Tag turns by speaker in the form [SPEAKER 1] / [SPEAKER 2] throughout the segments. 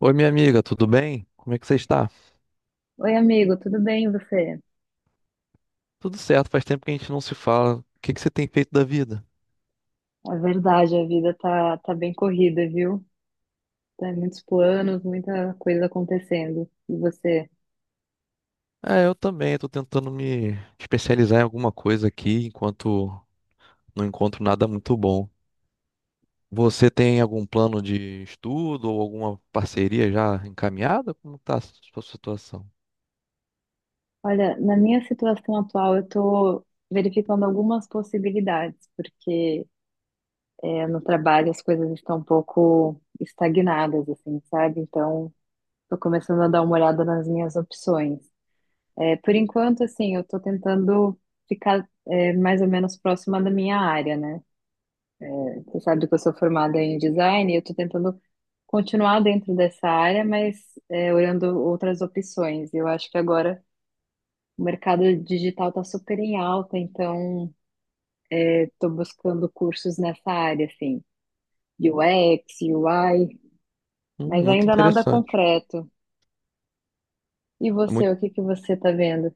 [SPEAKER 1] Oi, minha amiga, tudo bem? Como é que você está?
[SPEAKER 2] Oi, amigo, tudo bem e você?
[SPEAKER 1] Tudo certo, faz tempo que a gente não se fala. O que você tem feito da vida?
[SPEAKER 2] É verdade, a vida tá bem corrida, viu? Tem muitos planos, muita coisa acontecendo. E você?
[SPEAKER 1] Ah, eu também, estou tentando me especializar em alguma coisa aqui, enquanto não encontro nada muito bom. Você tem algum plano de estudo ou alguma parceria já encaminhada? Como está a sua situação?
[SPEAKER 2] Olha, na minha situação atual, eu tô verificando algumas possibilidades, porque no trabalho as coisas estão um pouco estagnadas, assim, sabe? Então, tô começando a dar uma olhada nas minhas opções. É, por enquanto, assim, eu tô tentando ficar mais ou menos próxima da minha área, né? Você sabe que eu sou formada em design e eu estou tentando continuar dentro dessa área, mas olhando outras opções. Eu acho que agora o mercado digital está super em alta, então eu estou buscando cursos nessa área, assim, UX, UI, mas
[SPEAKER 1] Muito
[SPEAKER 2] ainda nada
[SPEAKER 1] interessante.
[SPEAKER 2] concreto. E
[SPEAKER 1] É,
[SPEAKER 2] você,
[SPEAKER 1] muito...
[SPEAKER 2] o que que você está vendo?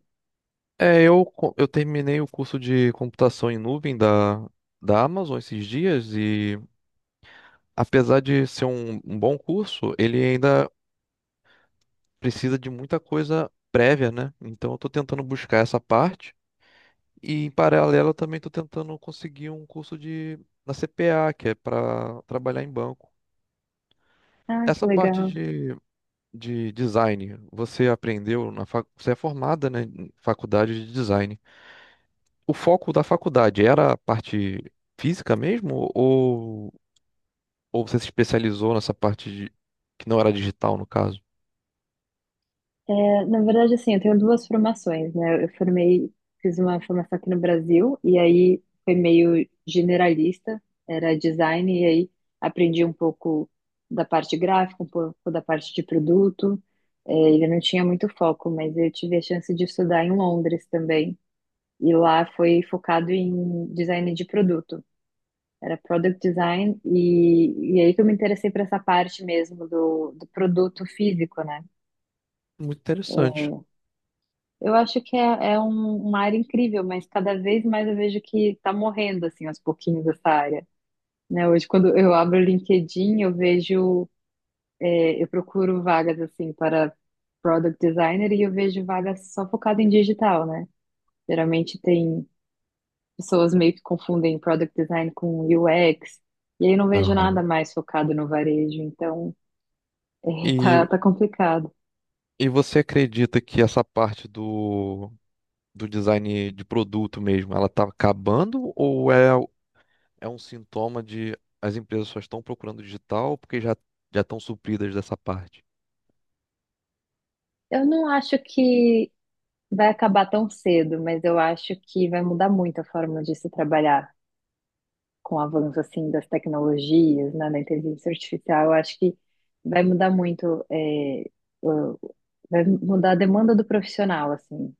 [SPEAKER 1] eu, eu terminei o curso de computação em nuvem da Amazon esses dias e, apesar de ser um bom curso, ele ainda precisa de muita coisa prévia, né? Então eu tô tentando buscar essa parte e, em paralelo, eu também tô tentando conseguir um curso de na CPA, que é para trabalhar em banco.
[SPEAKER 2] Ah, que
[SPEAKER 1] Essa parte
[SPEAKER 2] legal.
[SPEAKER 1] de design, você aprendeu na você é formada, né, em faculdade de design. O foco da faculdade era a parte física mesmo, ou você se especializou nessa parte de... que não era digital, no caso?
[SPEAKER 2] Na verdade, assim, eu tenho duas formações, né? Eu formei, fiz uma formação aqui no Brasil e aí foi meio generalista, era design, e aí aprendi um pouco da parte gráfica, um pouco da parte de produto. É, ele não tinha muito foco, mas eu tive a chance de estudar em Londres também. E lá foi focado em design de produto. Era product design, e, aí que eu me interessei por essa parte mesmo do produto físico, né?
[SPEAKER 1] Muito interessante.
[SPEAKER 2] Eu acho que é uma área incrível, mas cada vez mais eu vejo que está morrendo, assim, aos pouquinhos, essa área. Né? Hoje, quando eu abro o LinkedIn, eu vejo, eu procuro vagas, assim, para product designer e eu vejo vagas só focadas em digital, né? Geralmente tem pessoas meio que confundem product design com UX, e aí eu não vejo nada
[SPEAKER 1] Aham.
[SPEAKER 2] mais focado no varejo, então, tá,
[SPEAKER 1] E,
[SPEAKER 2] tá complicado.
[SPEAKER 1] e você acredita que essa parte do design de produto mesmo, ela está acabando, ou é um sintoma de as empresas só estão procurando digital porque já estão supridas dessa parte?
[SPEAKER 2] Eu não acho que vai acabar tão cedo, mas eu acho que vai mudar muito a forma de se trabalhar com o avanço assim das tecnologias, né, da inteligência artificial. Eu acho que vai mudar muito, o- vai mudar a demanda do profissional, assim,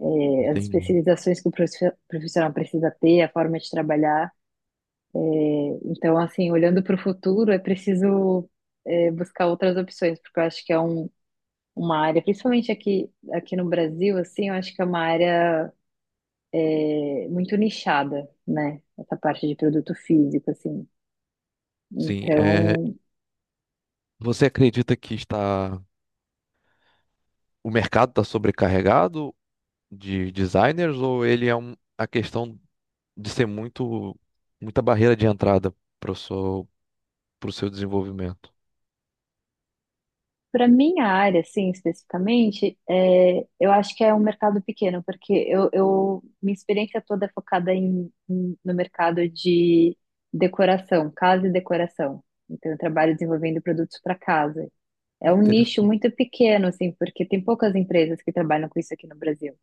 [SPEAKER 2] as
[SPEAKER 1] Entendi.
[SPEAKER 2] especializações que o profissional precisa ter, a forma de trabalhar. Então, assim, olhando para o futuro, é preciso buscar outras opções, porque eu acho que é uma área, principalmente aqui no Brasil, assim, eu acho que é uma área muito nichada, né? Essa parte de produto físico, assim.
[SPEAKER 1] Sim,
[SPEAKER 2] Então,
[SPEAKER 1] você acredita que está o mercado está sobrecarregado de designers, ou ele é um, a questão de ser muito muita barreira de entrada para o para o seu desenvolvimento?
[SPEAKER 2] para minha área, assim, especificamente, é, eu acho que é um mercado pequeno, porque minha experiência toda é focada no mercado de decoração, casa e decoração. Então, eu trabalho desenvolvendo produtos para casa.
[SPEAKER 1] Ah,
[SPEAKER 2] É um nicho
[SPEAKER 1] interessante.
[SPEAKER 2] muito pequeno, assim, porque tem poucas empresas que trabalham com isso aqui no Brasil.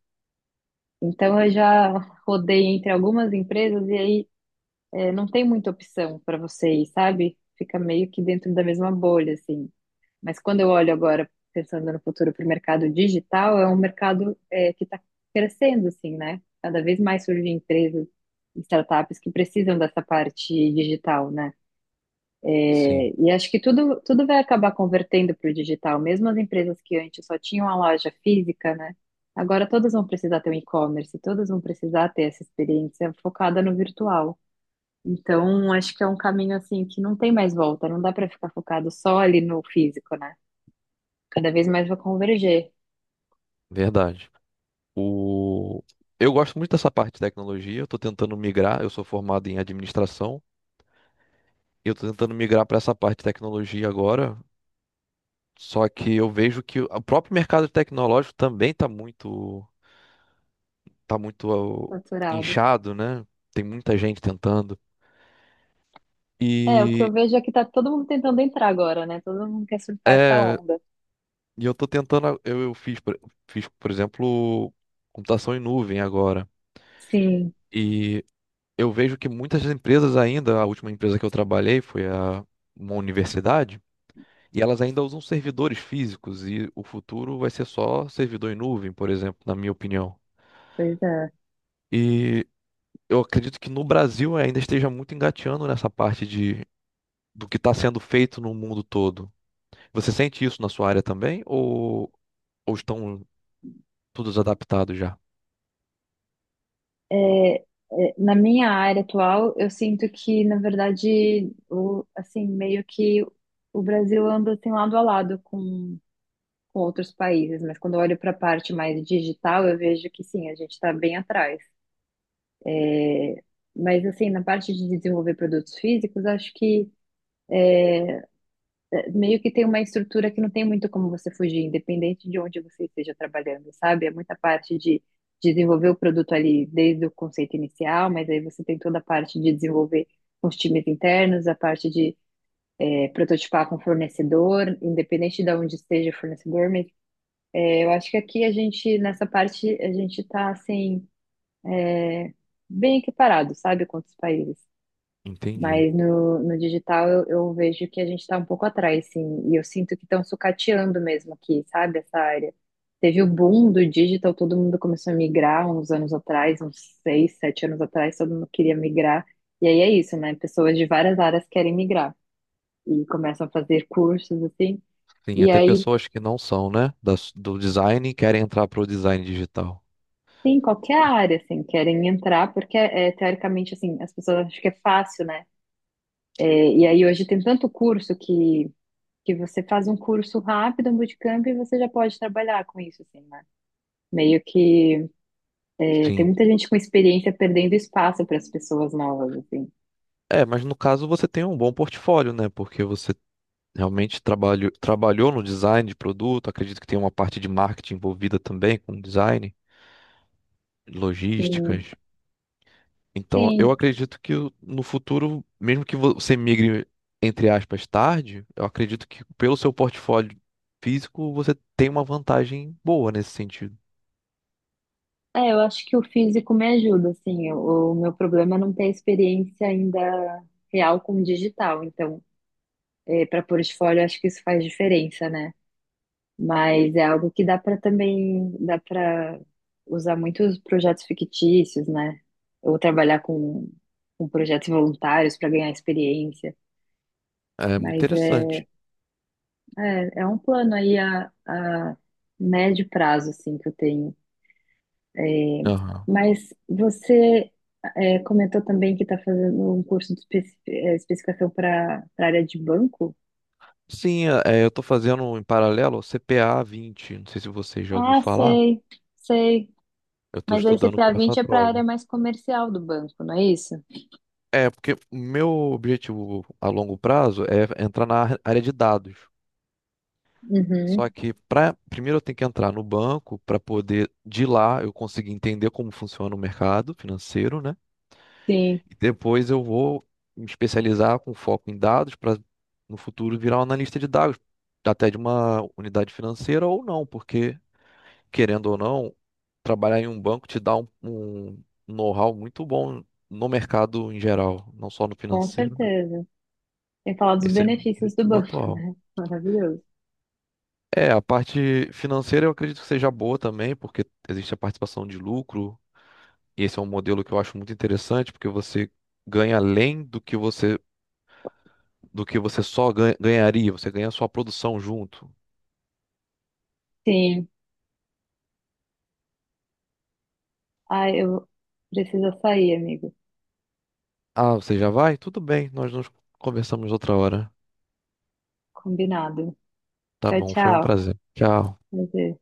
[SPEAKER 2] Então, eu já rodei entre algumas empresas e aí não tem muita opção para você ir, sabe? Fica meio que dentro da mesma bolha, assim. Mas quando eu olho agora, pensando no futuro para o mercado digital, é um mercado que está crescendo, assim, né? Cada vez mais surgem empresas, startups que precisam dessa parte digital, né?
[SPEAKER 1] Sim,
[SPEAKER 2] É, e acho que tudo vai acabar convertendo para o digital, mesmo as empresas que antes só tinham a loja física, né? Agora todas vão precisar ter um e-commerce, todas vão precisar ter essa experiência focada no virtual. Então, acho que é um caminho assim que não tem mais volta, não dá para ficar focado só ali no físico, né? Cada vez mais vai converger,
[SPEAKER 1] verdade. O... Eu gosto muito dessa parte de tecnologia, eu estou tentando migrar, eu sou formado em administração, e eu estou tentando migrar para essa parte de tecnologia agora, só que eu vejo que o próprio mercado tecnológico também está muito, tá muito ó,
[SPEAKER 2] saturado.
[SPEAKER 1] inchado, né? Tem muita gente tentando.
[SPEAKER 2] É, o que eu
[SPEAKER 1] E
[SPEAKER 2] vejo é que tá todo mundo tentando entrar agora, né? Todo mundo quer surfar essa
[SPEAKER 1] é,
[SPEAKER 2] onda.
[SPEAKER 1] e eu estou tentando, eu fiz, por exemplo, computação em nuvem agora,
[SPEAKER 2] Sim,
[SPEAKER 1] e eu vejo que muitas empresas ainda, a última empresa que eu trabalhei foi uma universidade, e elas ainda usam servidores físicos, e o futuro vai ser só servidor em nuvem, por exemplo, na minha opinião.
[SPEAKER 2] pois é.
[SPEAKER 1] E eu acredito que no Brasil ainda esteja muito engateando nessa parte do que está sendo feito no mundo todo. Você sente isso na sua área também, ou estão todos adaptados já?
[SPEAKER 2] Na minha área atual, eu sinto que, na verdade, o, assim, meio que o Brasil anda assim lado a lado com outros países, mas quando eu olho para a parte mais digital, eu vejo que sim, a gente está bem atrás. É, mas assim, na parte de desenvolver produtos físicos, acho que meio que tem uma estrutura que não tem muito como você fugir, independente de onde você esteja trabalhando, sabe? É muita parte de desenvolver o produto ali desde o conceito inicial, mas aí você tem toda a parte de desenvolver com os times internos, a parte de prototipar com fornecedor, independente de onde esteja o fornecedor. Mas, é, eu acho que aqui a gente, nessa parte, a gente está assim, bem equiparado, sabe, com outros países.
[SPEAKER 1] Entendi.
[SPEAKER 2] Mas no digital eu vejo que a gente está um pouco atrás, sim. E eu sinto que estão sucateando mesmo aqui, sabe, essa área. Teve o boom do digital, todo mundo começou a migrar uns anos atrás, uns seis, sete anos atrás, todo mundo queria migrar. E aí é isso, né? Pessoas de várias áreas querem migrar e começam a fazer cursos, assim.
[SPEAKER 1] Sim,
[SPEAKER 2] E
[SPEAKER 1] até
[SPEAKER 2] aí,
[SPEAKER 1] pessoas que não são, né, do design, e querem entrar para o design digital.
[SPEAKER 2] sim, qualquer área, assim, querem entrar, porque, teoricamente, assim, as pessoas acham que é fácil, né? É, e aí hoje tem tanto curso que você faz um curso rápido, um bootcamp, e você já pode trabalhar com isso, assim, né? Meio que tem
[SPEAKER 1] Sim.
[SPEAKER 2] muita gente com experiência perdendo espaço para as pessoas novas, assim.
[SPEAKER 1] É, mas no caso você tem um bom portfólio, né? Porque você realmente trabalhou no design de produto, acredito que tem uma parte de marketing envolvida também com design, logísticas.
[SPEAKER 2] Sim,
[SPEAKER 1] Então, eu
[SPEAKER 2] sim.
[SPEAKER 1] acredito que no futuro, mesmo que você migre, entre aspas, tarde, eu acredito que pelo seu portfólio físico você tem uma vantagem boa nesse sentido.
[SPEAKER 2] É, eu acho que o físico me ajuda, assim. O meu problema é não ter experiência ainda real com o digital. Então, para portfólio, eu acho que isso faz diferença, né? Mas é algo que dá para também, dá para usar muitos projetos fictícios, né? Ou trabalhar com projetos voluntários para ganhar experiência.
[SPEAKER 1] É muito
[SPEAKER 2] Mas
[SPEAKER 1] interessante.
[SPEAKER 2] é um plano aí a médio prazo, assim, que eu tenho.
[SPEAKER 1] Aham.
[SPEAKER 2] Mas você comentou também que está fazendo um curso de especificação para a área de banco?
[SPEAKER 1] Sim, eu estou fazendo em paralelo o CPA-20, não sei se você já ouviu
[SPEAKER 2] Ah,
[SPEAKER 1] falar,
[SPEAKER 2] sei, sei.
[SPEAKER 1] eu estou
[SPEAKER 2] Mas aí
[SPEAKER 1] estudando
[SPEAKER 2] CPA
[SPEAKER 1] para a
[SPEAKER 2] vinte é para a área
[SPEAKER 1] prova.
[SPEAKER 2] mais comercial do banco, não é isso?
[SPEAKER 1] É, porque o meu objetivo a longo prazo é entrar na área de dados.
[SPEAKER 2] Uhum.
[SPEAKER 1] Só que primeiro eu tenho que entrar no banco para poder, de lá, eu conseguir entender como funciona o mercado financeiro, né?
[SPEAKER 2] Sim.
[SPEAKER 1] E depois eu vou me especializar com foco em dados para, no futuro, virar um analista de dados, até de uma unidade financeira ou não, porque, querendo ou não, trabalhar em um banco te dá um know-how muito bom no mercado em geral, não só no
[SPEAKER 2] Com
[SPEAKER 1] financeiro.
[SPEAKER 2] certeza. Tem que falar dos
[SPEAKER 1] Esse é o
[SPEAKER 2] benefícios do
[SPEAKER 1] objetivo
[SPEAKER 2] banco,
[SPEAKER 1] atual.
[SPEAKER 2] né? Maravilhoso.
[SPEAKER 1] É, a parte financeira eu acredito que seja boa também, porque existe a participação de lucro, e esse é um modelo que eu acho muito interessante, porque você ganha além do que você só ganharia, você ganha a sua produção junto.
[SPEAKER 2] Sim. Ah, eu preciso sair, amigo.
[SPEAKER 1] Ah, você já vai? Tudo bem, nós nos conversamos outra hora.
[SPEAKER 2] Combinado.
[SPEAKER 1] Tá
[SPEAKER 2] Tchau,
[SPEAKER 1] bom, foi um
[SPEAKER 2] tchau.
[SPEAKER 1] prazer. Tchau.
[SPEAKER 2] Prazer.